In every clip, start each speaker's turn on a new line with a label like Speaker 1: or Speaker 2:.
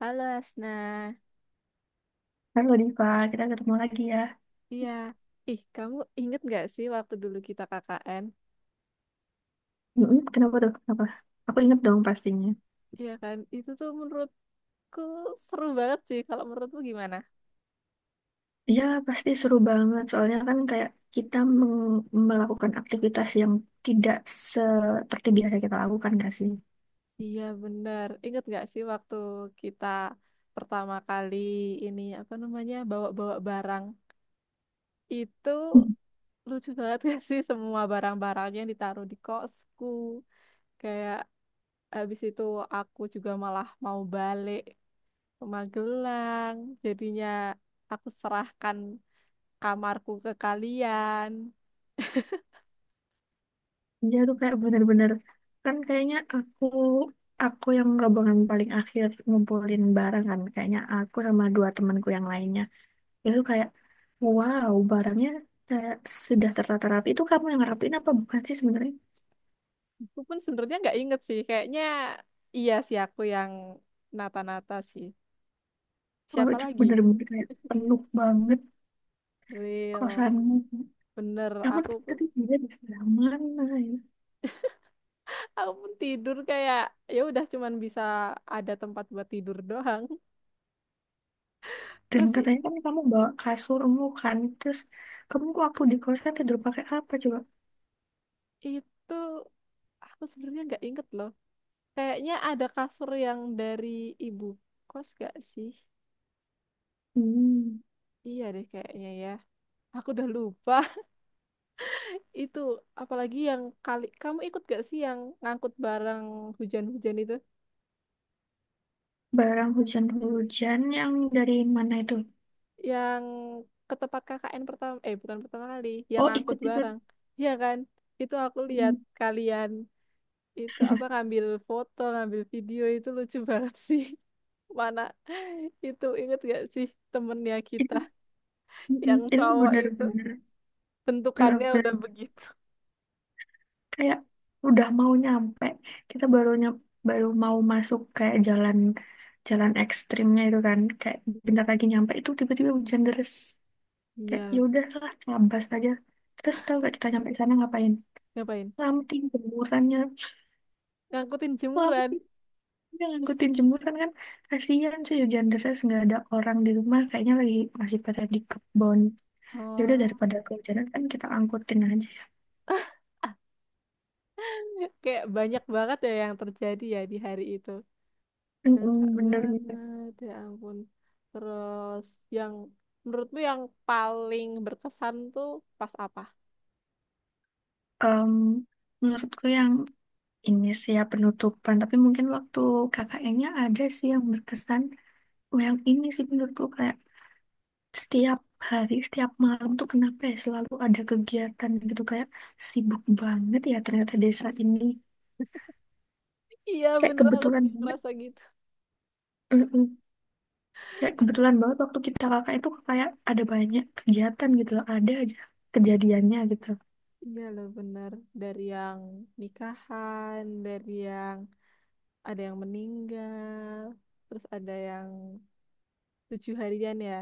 Speaker 1: Halo Asna,
Speaker 2: Halo Diva, kita ketemu lagi ya.
Speaker 1: iya. Ih, kamu inget gak sih waktu dulu kita KKN?
Speaker 2: Mm-mm. Kenapa tuh? Kenapa? Aku inget dong pastinya.
Speaker 1: Iya kan, itu tuh menurutku seru banget sih. Kalau menurutmu gimana?
Speaker 2: Ya, pasti seru banget. Soalnya kan kayak kita melakukan aktivitas yang tidak seperti biasa kita lakukan gak sih?
Speaker 1: Iya bener, inget gak sih waktu kita pertama kali ini apa namanya bawa-bawa barang? Itu
Speaker 2: Hmm.
Speaker 1: lucu banget gak sih semua barang-barangnya ditaruh di kosku. Kayak habis itu aku juga malah mau balik ke Magelang. Jadinya aku serahkan kamarku ke kalian.
Speaker 2: Iya tuh kayak bener-bener. Kan kayaknya aku yang rombongan paling akhir ngumpulin barang kan. Kayaknya aku sama dua temanku yang lainnya. Itu kayak, wow, barangnya kayak sudah tertata rapi. Itu kamu yang rapiin apa bukan sih sebenarnya?
Speaker 1: Aku pun sebenarnya nggak inget sih. Kayaknya iya sih aku yang nata-nata sih.
Speaker 2: Wah,
Speaker 1: Siapa
Speaker 2: itu
Speaker 1: lagi?
Speaker 2: bener-bener kayak penuh banget
Speaker 1: Real.
Speaker 2: kosanmu.
Speaker 1: Bener,
Speaker 2: Kamu
Speaker 1: aku
Speaker 2: ternyata
Speaker 1: pun
Speaker 2: juga di sebelah mana ya?
Speaker 1: aku pun tidur kayak ya udah cuman bisa ada tempat buat tidur doang.
Speaker 2: Dan
Speaker 1: Terus
Speaker 2: katanya kan kamu bawa kasurmu kan. Terus kamu waktu di kosan tidur pakai apa coba?
Speaker 1: itu aku sebenarnya nggak inget loh. Kayaknya ada kasur yang dari ibu kos gak sih?
Speaker 2: Hmm,
Speaker 1: Iya deh kayaknya ya. Aku udah lupa. Itu apalagi yang kali kamu ikut gak sih yang ngangkut barang hujan-hujan itu?
Speaker 2: barang hujan-hujan yang dari mana itu?
Speaker 1: Yang ke tempat KKN pertama eh bukan pertama kali, yang
Speaker 2: Oh,
Speaker 1: ngangkut
Speaker 2: ikut-ikut.
Speaker 1: barang. Ya kan? Itu aku lihat
Speaker 2: Hmm.
Speaker 1: kalian itu apa ngambil foto, ngambil video itu lucu banget sih. Mana itu inget gak sih temennya kita
Speaker 2: Itu,
Speaker 1: yang
Speaker 2: itu
Speaker 1: cowok itu
Speaker 2: bener-bener
Speaker 1: bentukannya udah
Speaker 2: bener-bener
Speaker 1: begitu.
Speaker 2: kayak udah mau nyampe, kita baru baru mau masuk kayak jalan jalan ekstrimnya itu kan kayak
Speaker 1: Mhm.
Speaker 2: bentar lagi nyampe itu tiba-tiba hujan deras kayak ya
Speaker 1: Iya,
Speaker 2: udahlah ngabas aja. Terus tahu gak kita nyampe sana ngapain?
Speaker 1: ngapain?
Speaker 2: Lamting jemurannya,
Speaker 1: Ngangkutin jemuran.
Speaker 2: lamting, dia ngangkutin jemuran kan, kasihan sih hujan deras nggak ada orang di rumah, kayaknya lagi masih pada di kebon. Ya udah
Speaker 1: Oh.
Speaker 2: daripada kehujanan kan kita angkutin aja.
Speaker 1: Kayak banyak banget ya yang terjadi ya di hari itu. Ngakak
Speaker 2: Mm-mm, bener-bener.
Speaker 1: banget, ya ampun. Terus yang menurutmu yang paling berkesan tuh pas apa?
Speaker 2: Em, Menurutku yang ini sih ya penutupan, tapi mungkin waktu KKN-nya ada sih yang berkesan. Oh, yang ini sih menurutku kayak setiap hari, setiap malam tuh kenapa ya selalu ada kegiatan gitu. Kayak sibuk banget ya ternyata desa ini.
Speaker 1: Iya
Speaker 2: Kayak
Speaker 1: bener aku
Speaker 2: kebetulan
Speaker 1: juga
Speaker 2: banget,
Speaker 1: ngerasa gitu.
Speaker 2: mm-mm. Kayak kebetulan banget waktu kita KKN tuh kayak ada banyak kegiatan gitu loh. Ada aja kejadiannya gitu.
Speaker 1: Iya loh bener. Dari yang nikahan, dari yang ada yang meninggal, terus ada yang tujuh harian ya.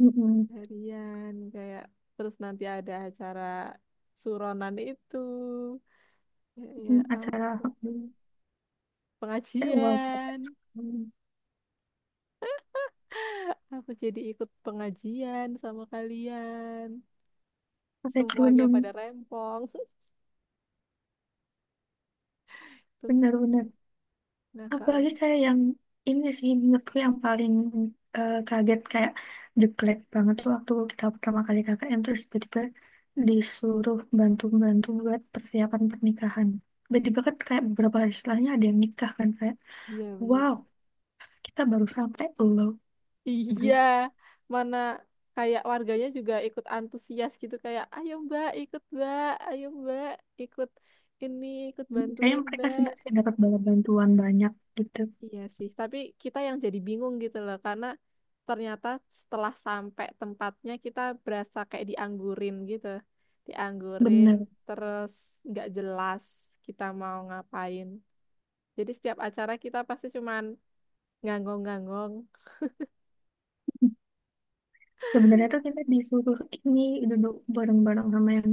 Speaker 2: Mm-mm.
Speaker 1: Harian kayak terus nanti ada acara suronan itu. Ya, ya
Speaker 2: Mm, acara,
Speaker 1: ampun.
Speaker 2: mm. Kayak wow,
Speaker 1: Pengajian. Aku jadi ikut pengajian sama kalian.
Speaker 2: pakai
Speaker 1: Semuanya
Speaker 2: kerudung,
Speaker 1: pada rempong. Tuh.
Speaker 2: bener-bener.
Speaker 1: Nah, Kak.
Speaker 2: Apalagi kayak yang ini sih menurutku yang paling kaget, kayak jelek banget tuh waktu kita pertama kali KKN terus tiba-tiba disuruh bantu-bantu buat persiapan pernikahan. Tiba-tiba kan kayak beberapa hari setelahnya ada yang nikah kan kayak
Speaker 1: Iya, bener.
Speaker 2: wow, kita baru sampai loh. Gitu.
Speaker 1: Iya. Mana kayak warganya juga ikut antusias gitu. Kayak, ayo Mbak, ikut Mbak. Ayo Mbak, ikut ini, ikut
Speaker 2: Kayaknya
Speaker 1: bantuin
Speaker 2: mereka
Speaker 1: Mbak.
Speaker 2: sudah sih dapat banyak bantuan banyak gitu.
Speaker 1: Iya sih, tapi kita yang jadi bingung gitu loh, karena ternyata setelah sampai tempatnya kita berasa kayak dianggurin gitu, dianggurin
Speaker 2: Bener.
Speaker 1: terus nggak jelas kita mau ngapain. Jadi setiap acara kita pasti cuman nganggong-nganggong.
Speaker 2: Sebenarnya tuh kita disuruh ini duduk bareng-bareng sama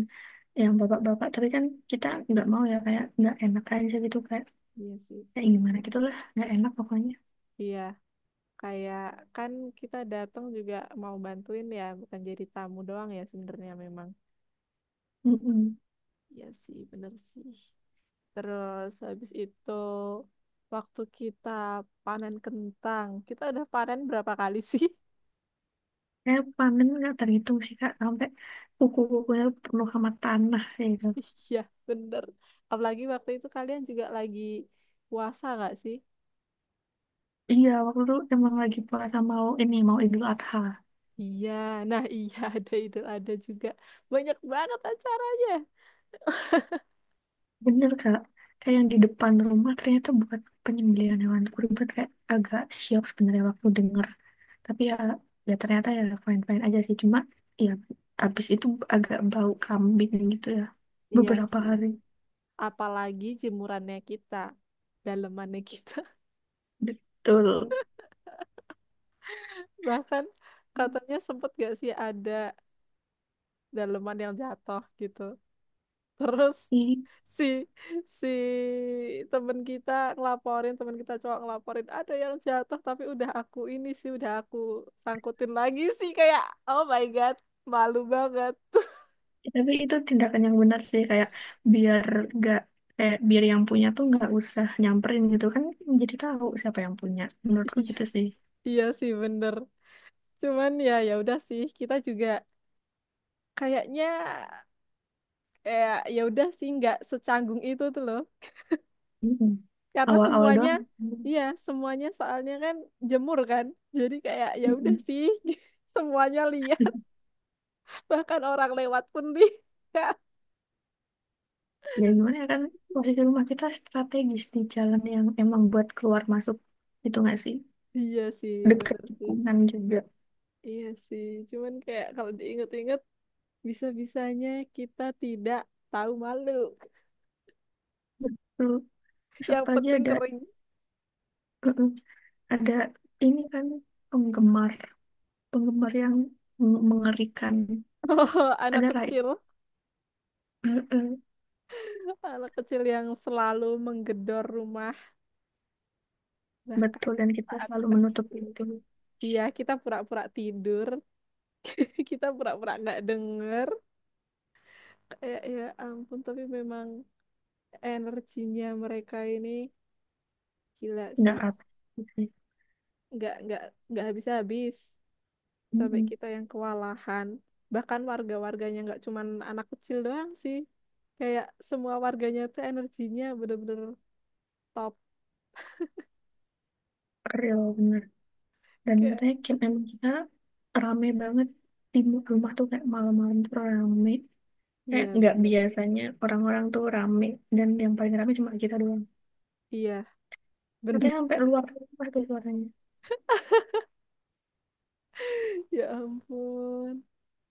Speaker 2: yang bapak-bapak tapi kan kita nggak mau ya kayak nggak enak aja gitu kan.
Speaker 1: Iya sih.
Speaker 2: Kayak gimana gitu lah nggak enak pokoknya.
Speaker 1: Iya, kayak kan kita datang juga mau bantuin ya, bukan jadi tamu doang ya sebenarnya memang.
Speaker 2: Mm.
Speaker 1: Iya sih, bener sih. Terus habis itu waktu kita panen kentang, kita udah panen berapa kali sih?
Speaker 2: Kayak panen nggak terhitung sih kak, sampai kuku-kukunya penuh sama tanah kayak gitu.
Speaker 1: Iya, bener. Apalagi waktu itu kalian juga lagi puasa nggak sih?
Speaker 2: Iya waktu itu emang lagi puasa, mau ini mau Idul Adha.
Speaker 1: Iya, nah iya ada Idul ada juga. Banyak banget acaranya.
Speaker 2: Bener kak, kayak yang di depan rumah ternyata buat penyembelihan hewan kurban, kayak agak syok sebenarnya waktu denger. Tapi ya, ya ternyata ya fine fine aja sih, cuma ya abis itu agak bau kambing gitu ya
Speaker 1: Iya
Speaker 2: beberapa
Speaker 1: sih.
Speaker 2: hari.
Speaker 1: Apalagi jemurannya kita, dalemannya kita.
Speaker 2: Betul.
Speaker 1: Bahkan katanya sempet gak sih ada daleman yang jatuh gitu. Terus si si temen kita ngelaporin temen kita cowok ngelaporin ada yang jatuh tapi udah aku ini sih udah aku sangkutin lagi sih kayak oh my god malu banget.
Speaker 2: Ya, tapi itu tindakan yang benar sih, kayak biar gak kayak biar yang punya tuh nggak usah nyamperin gitu kan, jadi tahu siapa yang punya. Menurutku
Speaker 1: Iya,
Speaker 2: gitu sih.
Speaker 1: iya sih bener. Cuman ya ya udah sih kita juga kayaknya eh ya udah sih nggak secanggung itu tuh loh.
Speaker 2: Mm-mm.
Speaker 1: Karena
Speaker 2: Awal-awal
Speaker 1: semuanya
Speaker 2: doang.
Speaker 1: iya semuanya soalnya kan jemur kan. Jadi kayak ya udah
Speaker 2: Mm-mm.
Speaker 1: sih semuanya liar. Bahkan orang lewat pun dia
Speaker 2: Ya gimana ya kan posisi rumah kita strategis di jalan yang emang buat keluar masuk gitu nggak sih?
Speaker 1: iya sih
Speaker 2: Dekat
Speaker 1: bener sih
Speaker 2: tikungan juga.
Speaker 1: iya sih cuman kayak kalau diinget-inget bisa-bisanya kita tidak tahu malu.
Speaker 2: Betul. Terus
Speaker 1: Yang
Speaker 2: apalagi
Speaker 1: penting
Speaker 2: ada,
Speaker 1: kering.
Speaker 2: mm-mm, ada ini kan penggemar penggemar yang mengerikan.
Speaker 1: Oh,
Speaker 2: Ada lah.
Speaker 1: anak kecil yang selalu menggedor rumah bahkan
Speaker 2: Betul, dan kita
Speaker 1: saat
Speaker 2: selalu
Speaker 1: kita
Speaker 2: menutup
Speaker 1: tidur.
Speaker 2: pintu.
Speaker 1: Iya kita pura-pura tidur kita pura-pura nggak denger kayak ya ampun tapi memang energinya mereka ini gila
Speaker 2: Nggak
Speaker 1: sih.
Speaker 2: apa gitu ya.
Speaker 1: nggak nggak nggak habis-habis sampai
Speaker 2: Mm-mm.
Speaker 1: kita yang kewalahan. Bahkan warga-warganya nggak cuman anak kecil doang sih kayak semua warganya tuh energinya bener-bener top.
Speaker 2: Real, bener. Dan
Speaker 1: Kayak
Speaker 2: katanya camp emang kita rame banget. Di rumah tuh kayak malam-malam tuh rame. Kayak
Speaker 1: iya
Speaker 2: nggak
Speaker 1: bener
Speaker 2: biasanya orang-orang tuh rame. Dan yang paling rame cuma kita doang.
Speaker 1: iya bener.
Speaker 2: Katanya sampai luar rumah tuh suaranya.
Speaker 1: Ya ampun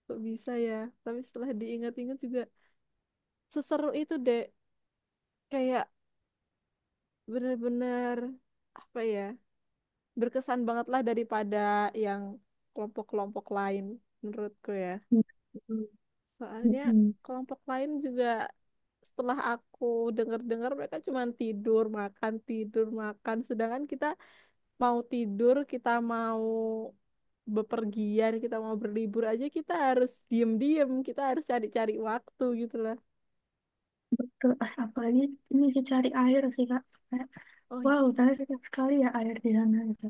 Speaker 1: kok bisa ya tapi setelah diingat-ingat juga seseru itu deh kayak bener-bener apa ya berkesan banget lah daripada yang kelompok-kelompok lain menurutku ya.
Speaker 2: Mm-mm.
Speaker 1: Soalnya
Speaker 2: Mm-mm.
Speaker 1: kelompok lain juga setelah aku dengar-dengar mereka cuma tidur, makan, tidur, makan. Sedangkan kita mau tidur, kita mau bepergian, kita mau berlibur aja kita harus diem-diem, kita harus cari-cari waktu gitu lah.
Speaker 2: Betul. Ah, apalagi ini sih cari air sih, Kak. Kayak,
Speaker 1: Oh
Speaker 2: wow, ternyata sekali ya air di sana. Gitu.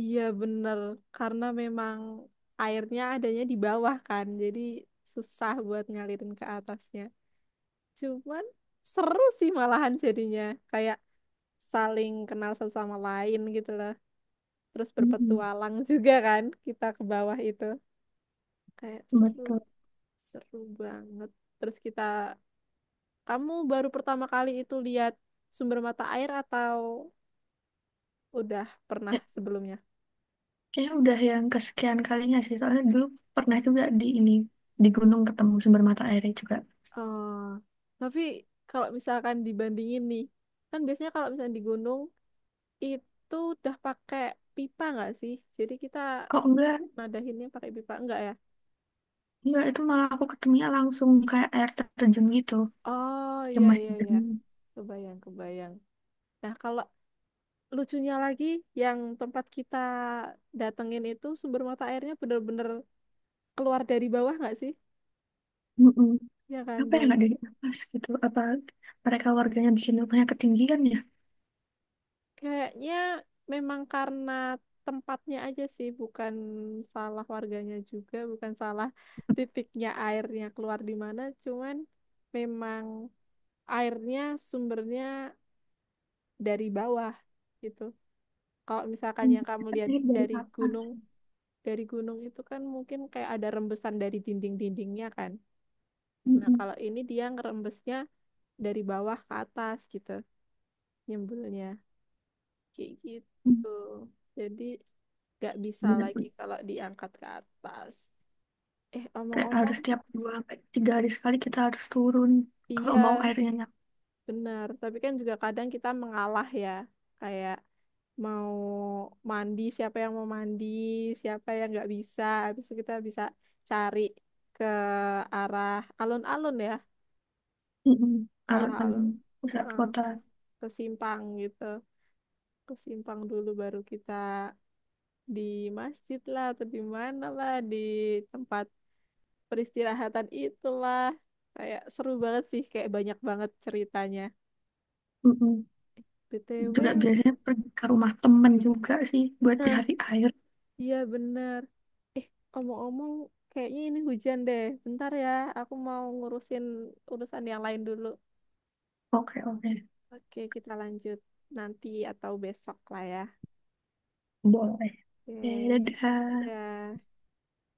Speaker 1: iya bener, karena memang airnya adanya di bawah kan, jadi susah buat ngalirin ke atasnya. Cuman seru sih malahan jadinya. Kayak saling kenal satu sama lain gitu loh. Terus
Speaker 2: Mm-mm.
Speaker 1: berpetualang juga kan kita ke bawah itu. Kayak seru,
Speaker 2: Betul.
Speaker 1: seru banget. Terus kita, kamu baru pertama kali itu lihat sumber mata air atau udah pernah sebelumnya?
Speaker 2: Kayaknya udah yang kesekian kalinya sih. Soalnya dulu pernah juga di ini, di gunung ketemu sumber mata airnya juga.
Speaker 1: Oh, tapi kalau misalkan dibandingin nih, kan biasanya kalau misalnya di gunung itu udah pakai pipa nggak sih? Jadi kita
Speaker 2: Oh
Speaker 1: nadahinnya pakai pipa nggak ya?
Speaker 2: enggak itu malah aku ketemunya langsung kayak air terjun gitu
Speaker 1: Oh
Speaker 2: yang
Speaker 1: iya
Speaker 2: masih
Speaker 1: iya iya,
Speaker 2: jernih.
Speaker 1: kebayang kebayang. Nah, kalau lucunya lagi yang tempat kita datengin itu sumber mata airnya bener-bener keluar dari bawah nggak sih?
Speaker 2: Mm-mm.
Speaker 1: Ya kan?
Speaker 2: Apa ya
Speaker 1: Dan
Speaker 2: nggak dari atas gitu? Apa mereka warganya bikin rumahnya ketinggian ya?
Speaker 1: kayaknya memang karena tempatnya aja sih, bukan salah warganya juga, bukan salah titiknya airnya keluar di mana, cuman memang airnya sumbernya dari bawah gitu. Kalau misalkan
Speaker 2: Hmm,
Speaker 1: yang kamu lihat
Speaker 2: ini dari atas.
Speaker 1: dari gunung itu kan mungkin kayak ada rembesan dari dinding-dindingnya kan. Nah,
Speaker 2: Mm-mm.
Speaker 1: kalau ini dia ngerembesnya dari bawah ke atas gitu, nyembulnya. Kayak
Speaker 2: Mm.
Speaker 1: gitu. Jadi gak bisa lagi
Speaker 2: Bener-bener.
Speaker 1: kalau diangkat ke atas. Eh,
Speaker 2: Kayak harus
Speaker 1: omong-omong,
Speaker 2: tiap 2 sampai 3 hari sekali kita harus turun kalau mau
Speaker 1: iya
Speaker 2: airnya nyampe.
Speaker 1: benar. Tapi kan juga kadang kita mengalah ya. Kayak mau mandi, siapa yang mau mandi, siapa yang nggak bisa. Habis itu kita bisa cari ke arah alun-alun ya,
Speaker 2: Mm-mm.
Speaker 1: ke arah
Speaker 2: Alun-alun
Speaker 1: alun,
Speaker 2: pusat
Speaker 1: heeh,
Speaker 2: kota.
Speaker 1: ke simpang gitu. Ke simpang dulu baru kita di masjid lah atau di mana lah di tempat peristirahatan itulah kayak seru banget sih kayak banyak banget ceritanya.
Speaker 2: Mm-mm. Juga
Speaker 1: BTW
Speaker 2: biasanya pergi ke rumah temen juga sih buat
Speaker 1: nah
Speaker 2: cari air.
Speaker 1: iya bener eh omong-omong kayaknya ini hujan deh bentar ya aku mau ngurusin urusan yang lain dulu.
Speaker 2: Oke, oke.
Speaker 1: Oke kita lanjut nanti atau besok lah ya.
Speaker 2: Boleh. Oke,
Speaker 1: Oke
Speaker 2: dadah.
Speaker 1: dadah.